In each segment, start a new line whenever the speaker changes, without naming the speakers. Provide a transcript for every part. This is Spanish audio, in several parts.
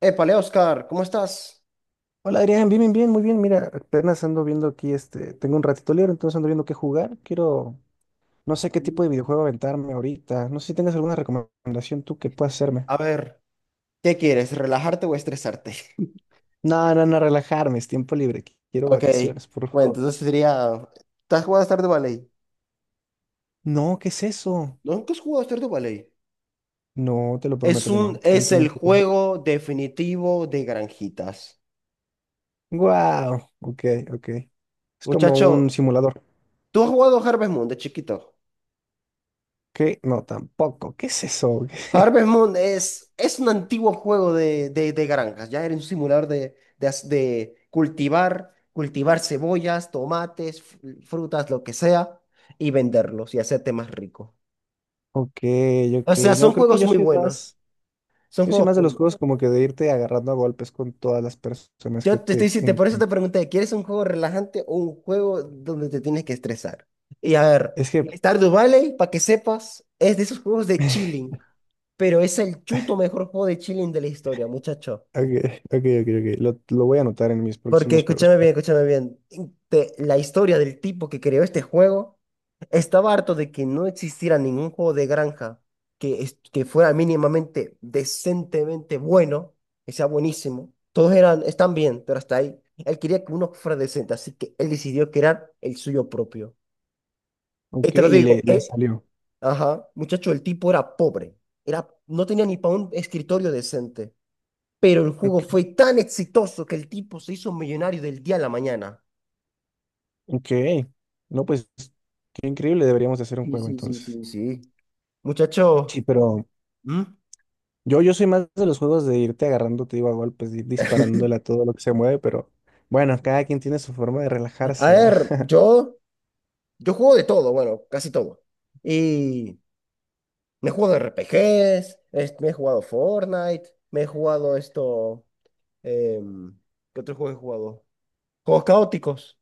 Épale, Oscar, ¿cómo estás?
Hola Adrián, bien, bien, bien, muy bien. Mira, apenas ando viendo aquí, tengo un ratito libre, entonces ando viendo qué jugar. Quiero, no sé qué
Mm.
tipo de videojuego aventarme ahorita. No sé si tengas alguna recomendación tú que puedas hacerme.
A ver, ¿qué quieres? ¿Relajarte o estresarte?
No, no, no, relajarme, es tiempo libre. Quiero
Ok,
vacaciones, por
bueno,
favor.
entonces sería. ¿Te has jugado a Stardew de Valley?
No, ¿qué es eso?
¿Nunca has jugado a Stardew Valley?
No, te lo
Es
prometo que
un,
no.
es
Cuéntame
el
un poco.
juego definitivo de granjitas.
Wow, ok, ok. Es como un
Muchacho,
simulador.
¿tú has jugado a Harvest Moon de chiquito?
¿Qué? No, tampoco. ¿Qué es eso?
Harvest Moon es un antiguo juego de granjas, ya era un simulador de cultivar cebollas, tomates, frutas, lo que sea, y venderlos y hacerte más rico.
Ok,
O
ok.
sea, son
No, creo que
juegos
yo
muy
soy
buenos,
más.
son
Yo soy
juegos
más de los
buenos.
juegos como que de irte agarrando a golpes con todas las personas que
Yo te estoy
te
diciendo, por eso te
encuentras.
pregunté, ¿quieres un juego relajante o un juego donde te tienes que estresar? Y a ver,
Es que, ok,
Stardew Valley, para que sepas, es de esos juegos de chilling, pero es el chuto mejor juego de chilling de la historia, muchacho.
ok, ok, ok. Lo voy a anotar en mis
Porque
próximos juegos.
escúchame bien, escúchame bien. La historia del tipo que creó este juego estaba harto de que no existiera ningún juego de granja que fuera mínimamente, decentemente bueno, que sea buenísimo. Todos eran, están bien, pero hasta ahí. Él quería que uno fuera decente, así que él decidió crear el suyo propio. Y
Ok,
te lo
y
digo,
le salió.
ajá, muchacho, el tipo era pobre. Era, no tenía ni para un escritorio decente. Pero el
Ok,
juego fue tan exitoso que el tipo se hizo millonario del día a la mañana.
ok. No, pues, qué increíble, deberíamos de hacer un
Sí,
juego
sí, sí,
entonces.
sí, sí. Muchacho,
Sí, pero
¿Mm?
yo soy más de los juegos de irte agarrando, te digo, a golpes, de ir disparándole a todo lo que se mueve, pero bueno, cada quien tiene su forma de
A
relajarse, ¿va?
ver, yo juego de todo, bueno, casi todo. Y me he jugado RPGs, me he jugado Fortnite, me he jugado esto, em, ¿qué otro juego he jugado? Juegos caóticos,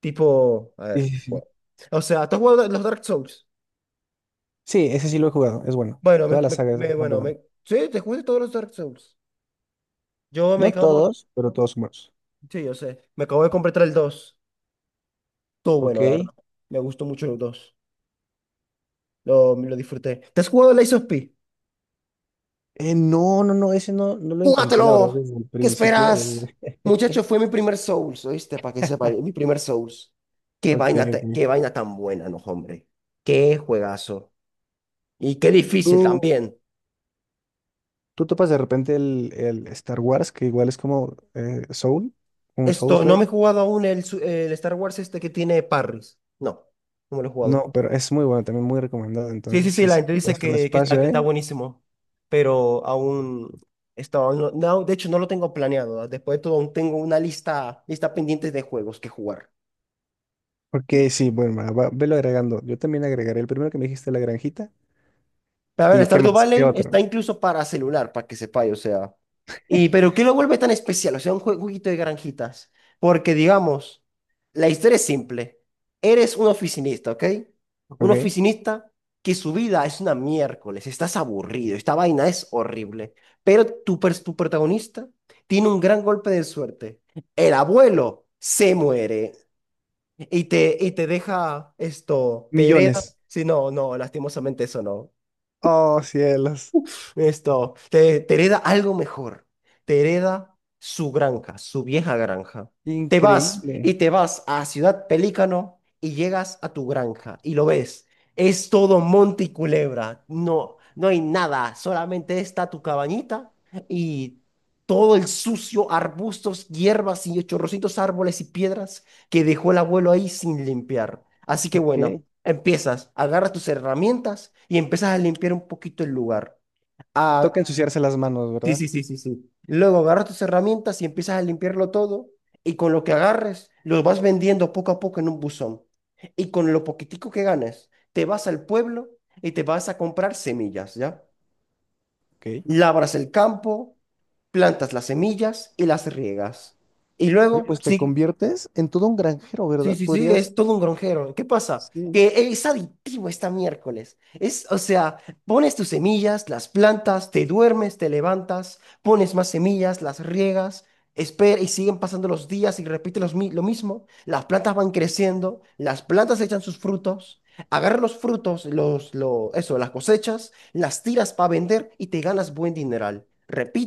tipo, a
Sí,
ver,
sí,
¿qué
sí.
juego? O sea, ¿tú has jugado los Dark Souls?
Sí, ese sí lo he jugado, es bueno.
Bueno,
Toda la saga es bastante buena.
sí, te jugué todos los Dark Souls. Yo me
No
acabo,
todos, pero todos son buenos.
sí, yo sé, me acabo de completar el dos. Todo
Ok.
bueno, la verdad. Me gustó mucho el dos. Lo disfruté. ¿Te has jugado el Lies of P?
No, no, no, ese no, no lo intenté, la verdad,
¡Júgatelo!
desde el
¿Qué
principio.
esperas?
Desde...
Muchacho, fue mi primer Souls, ¿oíste? Para que sepa, mi primer Souls. Qué
Ok,
vaina, ta-
ok.
qué vaina tan buena, no, hombre. Qué juegazo. Y qué difícil
¿Tú,
también.
tú topas de repente el Star Wars, que igual es como Soul, un
Esto, no me he
Souls-like?
jugado aún el Star Wars este que tiene Parris. No, no me lo he
No,
jugado.
pero es muy bueno, también muy recomendado.
Sí, sí,
Entonces,
sí,
sí,
la
sí,
gente
puede
dice
ser un
que, que está,
espacio,
que está
¿eh?
buenísimo, pero aún está, no, no, de hecho no lo tengo planeado. Después de todo, aún tengo una lista pendiente de juegos que jugar.
Ok, sí, bueno, velo agregando. Yo también agregaré el primero que me dijiste, La Granjita.
A ver,
¿Y qué
Stardew
más? ¿Qué
Valley
otro?
está incluso para celular, para que sepáis, o sea. Pero ¿qué lo vuelve tan especial? O sea, un jueguito de granjitas. Porque, digamos, la historia es simple. Eres un oficinista, ¿ok? Un
Ok.
oficinista que su vida es una miércoles, estás aburrido, esta vaina es horrible. Pero tu protagonista tiene un gran golpe de suerte. El abuelo se muere y te deja esto, te hereda.
Millones.
Sí, no, no, lastimosamente eso no.
Oh, cielos.
Esto, te hereda algo mejor. Te hereda su granja, su vieja granja. Te vas
Increíble.
y te vas a Ciudad Pelícano y llegas a tu granja y lo ves. Es todo monte y culebra. No, no hay nada. Solamente está tu cabañita y todo el sucio, arbustos, hierbas y chorrocitos árboles y piedras que dejó el abuelo ahí sin limpiar. Así que bueno,
Ok.
empiezas, agarras tus herramientas y empiezas a limpiar un poquito el lugar. Ah,
Toca ensuciarse las manos,
sí,
¿verdad?
sí, sí, sí, sí. Luego agarras tus herramientas y empiezas a limpiarlo todo. Y con lo que agarres, lo vas vendiendo poco a poco en un buzón. Y con lo poquitico que ganes, te vas al pueblo y te vas a comprar semillas, ¿ya?
Ok.
Labras el campo, plantas las semillas y las riegas. Y
Oye,
luego,
pues te
sí.
conviertes en todo un granjero,
Sí,
¿verdad?
sí, sí, es
Podrías,
todo un gronjero. ¿Qué pasa?
sí,
Que es adictivo esta miércoles. O sea, pones tus semillas, las plantas, te duermes, te levantas, pones más semillas, las riegas, espera y siguen pasando los días y repite lo mismo. Las plantas van creciendo, las plantas echan sus frutos, agarras los frutos, las cosechas, las tiras para vender y te ganas buen dineral.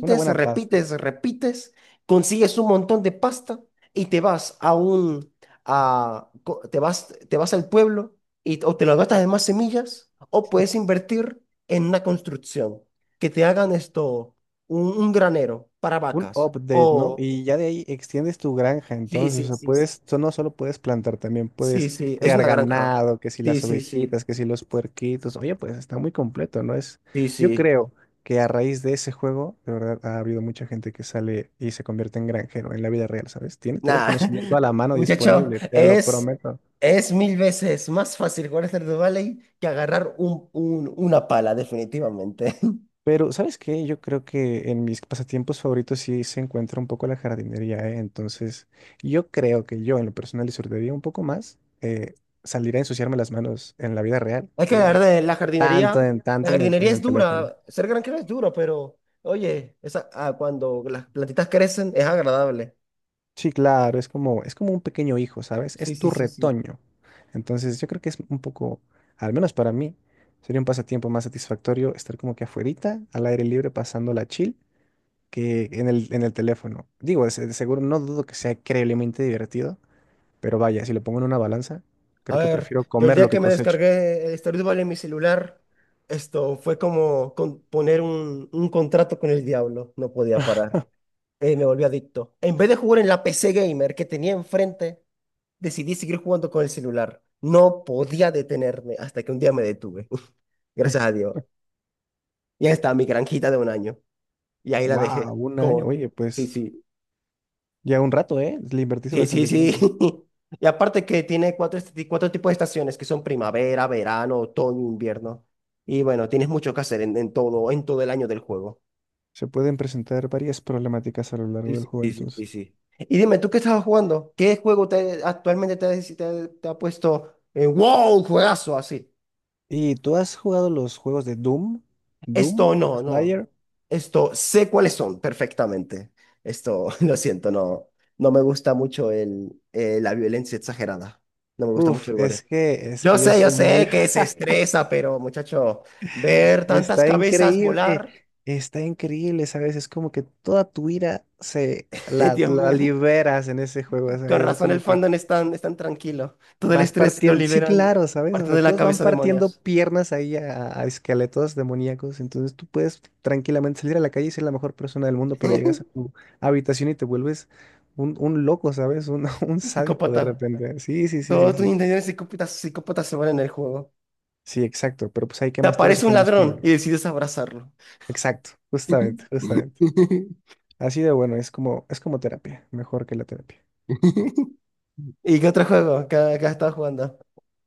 una buena
repites,
pasta,
repites, consigues un montón de pasta y te vas a un a- co- te vas al pueblo y o te lo gastas en más semillas o puedes invertir en una construcción que te hagan esto, un granero para
un
vacas
update, ¿no?
o.
Y ya de ahí extiendes tu granja,
Sí,
entonces, o
sí,
sea,
sí, sí.
puedes, no solo puedes plantar, también
Sí,
puedes
sí, es
criar
una granja.
ganado, que si
Sí,
las
sí, sí,
ovejitas, que si los puerquitos, oye, pues está muy completo, ¿no? Es,
sí,
yo
sí.
creo que a raíz de ese juego, de verdad, ha habido mucha gente que sale y se convierte en granjero en la vida real, ¿sabes? Tiene todo el
Nada,
conocimiento a la mano
muchacho,
disponible, te lo
es,
prometo.
es mil veces más fácil jugar Stardew Valley que agarrar una pala, definitivamente.
Pero, ¿sabes qué? Yo creo que en mis pasatiempos favoritos sí se encuentra un poco la jardinería, ¿eh? Entonces, yo creo que yo en lo personal disfrutaría un poco más salir a ensuciarme las manos en la vida real
Es que la
que
verdad, la jardinería, la
tanto en
jardinería
en el
es
teléfono.
dura, ser granjero es duro, pero oye, esa, cuando las plantitas crecen es agradable.
Sí, claro, es como un pequeño hijo, ¿sabes?
Sí,
Es
sí,
tu
sí, sí.
retoño. Entonces, yo creo que es un poco, al menos para mí, sería un pasatiempo más satisfactorio estar como que afuerita, al aire libre, pasándola chill que en en el teléfono. Digo, de seguro no dudo que sea increíblemente divertido, pero vaya, si lo pongo en una balanza,
A
creo que
ver,
prefiero
yo el
comer lo
día que
que
me
cosecho.
descargué el Stardew Valley en mi celular, esto fue como poner un contrato con el diablo, no podía parar. Me volví adicto. En vez de jugar en la PC gamer que tenía enfrente, decidí seguir jugando con el celular. No podía detenerme hasta que un día me detuve. Gracias a Dios. Ya está mi granjita de un año. Y ahí la dejé.
Wow, un año.
Como.
Oye,
Sí,
pues
sí,
ya un rato, ¿eh? Le invertiste
sí, sí,
bastante
sí.
tiempo.
Y aparte que tiene cuatro tipos de estaciones que son primavera, verano, otoño, invierno. Y bueno, tienes mucho que hacer en todo el año del juego.
Se pueden presentar varias problemáticas a lo
Sí,
largo del
sí,
juego,
sí, sí,
entonces.
sí, sí. Y dime, ¿tú qué estabas jugando? ¿Qué juego actualmente te ha puesto en wow, juegazo así?
¿Y tú has jugado los juegos de Doom?
Esto
¿Doom?
no, no.
¿Slayer?
Esto sé cuáles son perfectamente. Esto, lo siento, no. No me gusta mucho la violencia exagerada. No me gusta mucho
Uf,
el gore.
es que yo
Yo
soy muy...
sé que se estresa, pero muchacho, ver tantas
Está
cabezas
increíble,
volar.
está increíble, ¿sabes? Es como que toda tu ira se
Dios
la
mío,
liberas en ese juego,
con
¿sabes? Es
razón el
como que
fandom es tan, tranquilo. Todo el
vas
estrés lo
partiendo, sí,
liberan
claro, ¿sabes? O
partiendo
sea,
de la
todos van
cabeza
partiendo
demonios.
piernas ahí a esqueletos demoníacos, entonces tú puedes tranquilamente salir a la calle y ser la mejor persona del mundo, pero llegas a tu habitación y te vuelves un loco, ¿sabes? Un, un sádico de
Psicópata.
repente. Sí, sí, sí, sí,
Todos tus
sí.
intenciones psicópatas, psicópatas se van en el juego.
Sí, exacto, pero pues ahí
Te
quemas todo ese
aparece un ladrón y
combustible.
decides abrazarlo.
Exacto, justamente, justamente. Así de bueno, es como terapia, mejor que la terapia.
¿Y qué otro juego? ¿Qué has jugando?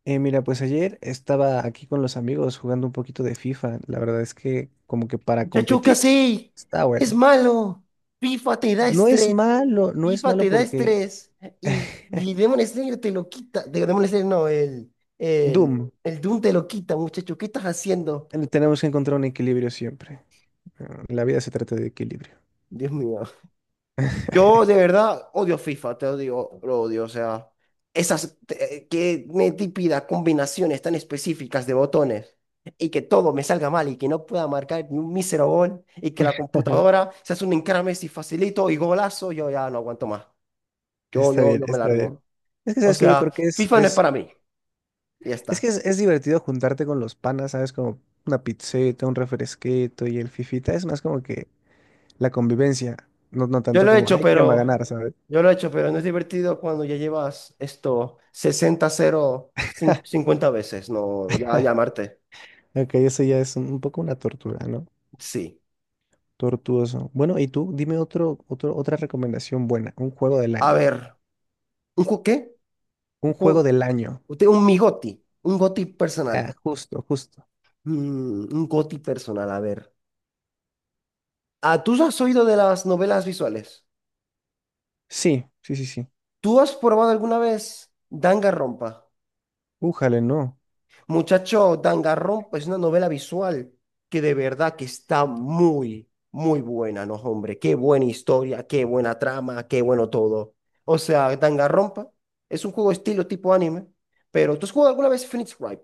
Mira, pues ayer estaba aquí con los amigos jugando un poquito de FIFA. La verdad es que como que para
Muchacho, ¿qué
competir
hacéis?
está
Es
bueno.
malo. FIFA te da
No es
estrés.
malo, no es
FIFA
malo
te da
porque
estrés. Y, y Demon Slayer te lo quita. Demon Slayer no, el,
Doom,
el Doom te lo quita, muchacho. ¿Qué estás haciendo?
tenemos que encontrar un equilibrio siempre. La vida se trata de equilibrio.
Dios mío. Yo de verdad odio FIFA, te odio, lo odio. O sea, qué me típida combinaciones tan específicas de botones y que todo me salga mal y que no pueda marcar ni un mísero gol y que la computadora se hace un encrame si facilito y golazo, yo ya no aguanto más. Yo,
Está
yo,
bien,
yo me
está
largo.
bien. Es que
O
sabes que yo
sea,
creo que
FIFA no es para mí. Y ya
es que
está.
es divertido juntarte con los panas, ¿sabes? Como una pizzeta, un refresquito y el fifita. Es más como que la convivencia, no, no
Yo
tanto
lo he
como,
hecho,
ay, ¿quién va a
pero,
ganar, sabes?
yo lo he hecho, pero no es divertido cuando ya llevas esto 60 cero 50 veces, no, ya llamarte.
Ok, eso ya es un poco una tortura, ¿no?
Sí.
Tortuoso. Bueno, y tú, dime otra recomendación buena, un juego del
A
año.
ver, ¿Qué?
Un
Un,
juego
ju-
del año.
usted- un mi goti, un goti personal.
Ah, justo, justo.
Mm, un goti personal, a ver. Ah, ¿tú has oído de las novelas visuales?
Sí, sí, sí, sí.
¿Tú has probado alguna vez Danganronpa?
Újale, no.
Muchacho, Danganronpa es una novela visual que de verdad que está muy, muy buena, ¿no, hombre? Qué buena historia, qué buena trama, qué bueno todo. O sea, Danganronpa es un juego estilo tipo anime, pero ¿tú has jugado alguna vez Phoenix Wright?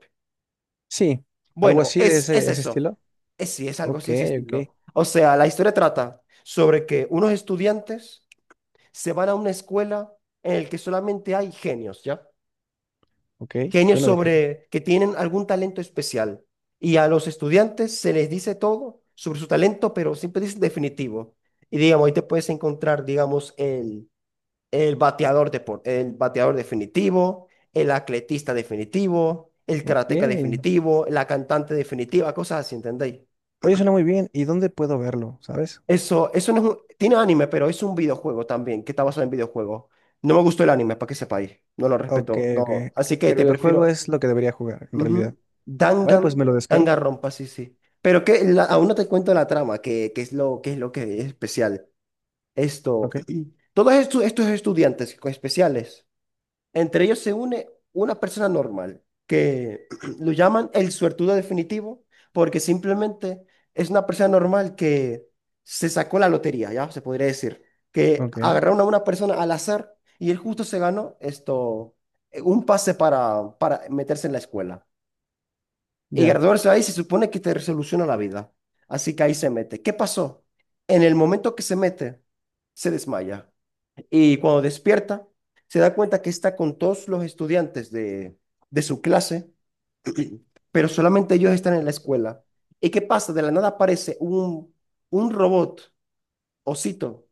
Sí, algo
Bueno,
así de
es
ese
eso.
estilo.
Sí, es algo
Ok,
así, ese
ok,
estilo. O sea, la historia trata sobre que unos estudiantes se van a una escuela en la que solamente hay genios, ¿ya?
ok,
Genios
lleno de gente.
sobre que tienen algún talento especial. Y a los estudiantes se les dice todo sobre su talento, pero siempre dicen definitivo. Y digamos, ahí te puedes encontrar, digamos, el bateador definitivo, el atletista definitivo, el
Ok.
karateca definitivo, la cantante definitiva, cosas así, ¿entendéis?
Oye, suena muy bien. ¿Y dónde puedo verlo, sabes?
Eso no es un, tiene anime, pero es un videojuego también, que está basado en videojuegos. No me gustó el anime, para que sepáis. No lo
Ok,
respeto,
ok.
no. Así que
El
te
videojuego
prefiero.
es lo que debería jugar, en realidad.
Ujú.
Vale, pues
Dangan,
me lo descargo.
Danganronpa, sí, sí. Pero aún no te cuento la trama, que es lo que es especial. Esto,
Ok,
todos estos estudiantes especiales entre ellos se une una persona normal, que lo llaman el suertudo definitivo, porque simplemente es una persona normal que se sacó la lotería, ya se podría decir, que
ok.
agarraron a una persona al azar y él justo se ganó esto, un pase para meterse en la escuela. Y
Ya.
graduarse ahí se supone que te resoluciona la vida. Así que ahí se mete. ¿Qué pasó? En el momento que se mete, se desmaya. Y cuando despierta, se da cuenta que está con todos los estudiantes de su clase, pero solamente ellos están en la escuela. ¿Y qué pasa? De la nada aparece un robot, osito,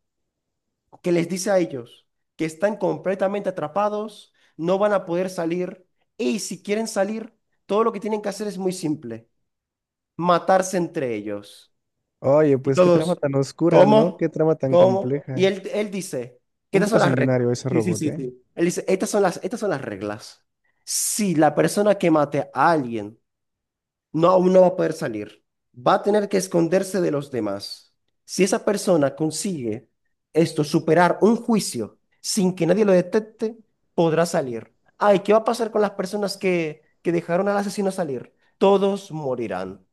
que les dice a ellos que están completamente atrapados, no van a poder salir, y si quieren salir, todo lo que tienen que hacer es muy simple, matarse entre ellos.
Oye,
Y
pues qué trama
todos,
tan oscura, ¿no? Qué
¿cómo?
trama tan
¿Cómo? Y
compleja.
él dice, que
Un
estas
poco
son las reglas.
sanguinario ese
Sí, sí,
robot,
sí,
¿eh?
sí. Él dice, estas son las reglas. Si la persona que mate a alguien no, aún no va a poder salir, va a tener que esconderse de los demás. Si esa persona consigue esto, superar un juicio sin que nadie lo detecte, podrá salir. Ay, ¿qué va a pasar con las personas que dejaron al asesino salir? Todos morirán.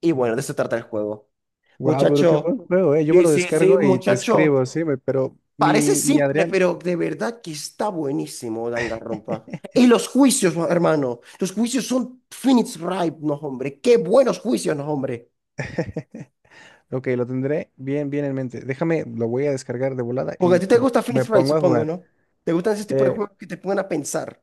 Y bueno, de eso trata el juego.
Guau, pero qué buen
Muchacho,
juego, ¿eh? Yo me
sí,
lo
sí,
descargo
sí,
y te escribo,
muchacho.
sí, pero
Parece
mi
simple,
Adrián.
pero de verdad que está buenísimo, Danganronpa. Y los juicios, hermano. Los juicios son Phoenix Wright, no, hombre. Qué buenos juicios, no, hombre.
Ok, lo tendré bien, bien en mente. Déjame, lo voy a descargar de volada
Porque a
y
ti te gusta
me
Phoenix Wright,
pongo a
supongo,
jugar.
¿no? ¿Te gustan ese tipo de
Eh,
juegos que te pongan a pensar?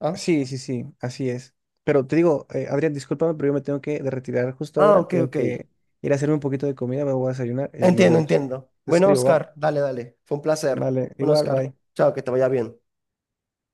¿Ah?
sí, sí, sí, así es. Pero te digo, Adrián, discúlpame, pero yo me tengo que de retirar justo
Ah,
ahora.
ok,
Tengo
ok.
que ir a hacerme un poquito de comida, me voy a desayunar y nos
Entiendo,
vemos.
entiendo.
Te
Bueno,
escribo, ¿va?
Oscar, dale, dale. Fue un placer.
Vale,
Bueno,
igual,
Oscar,
bye.
chao, que te vaya bien.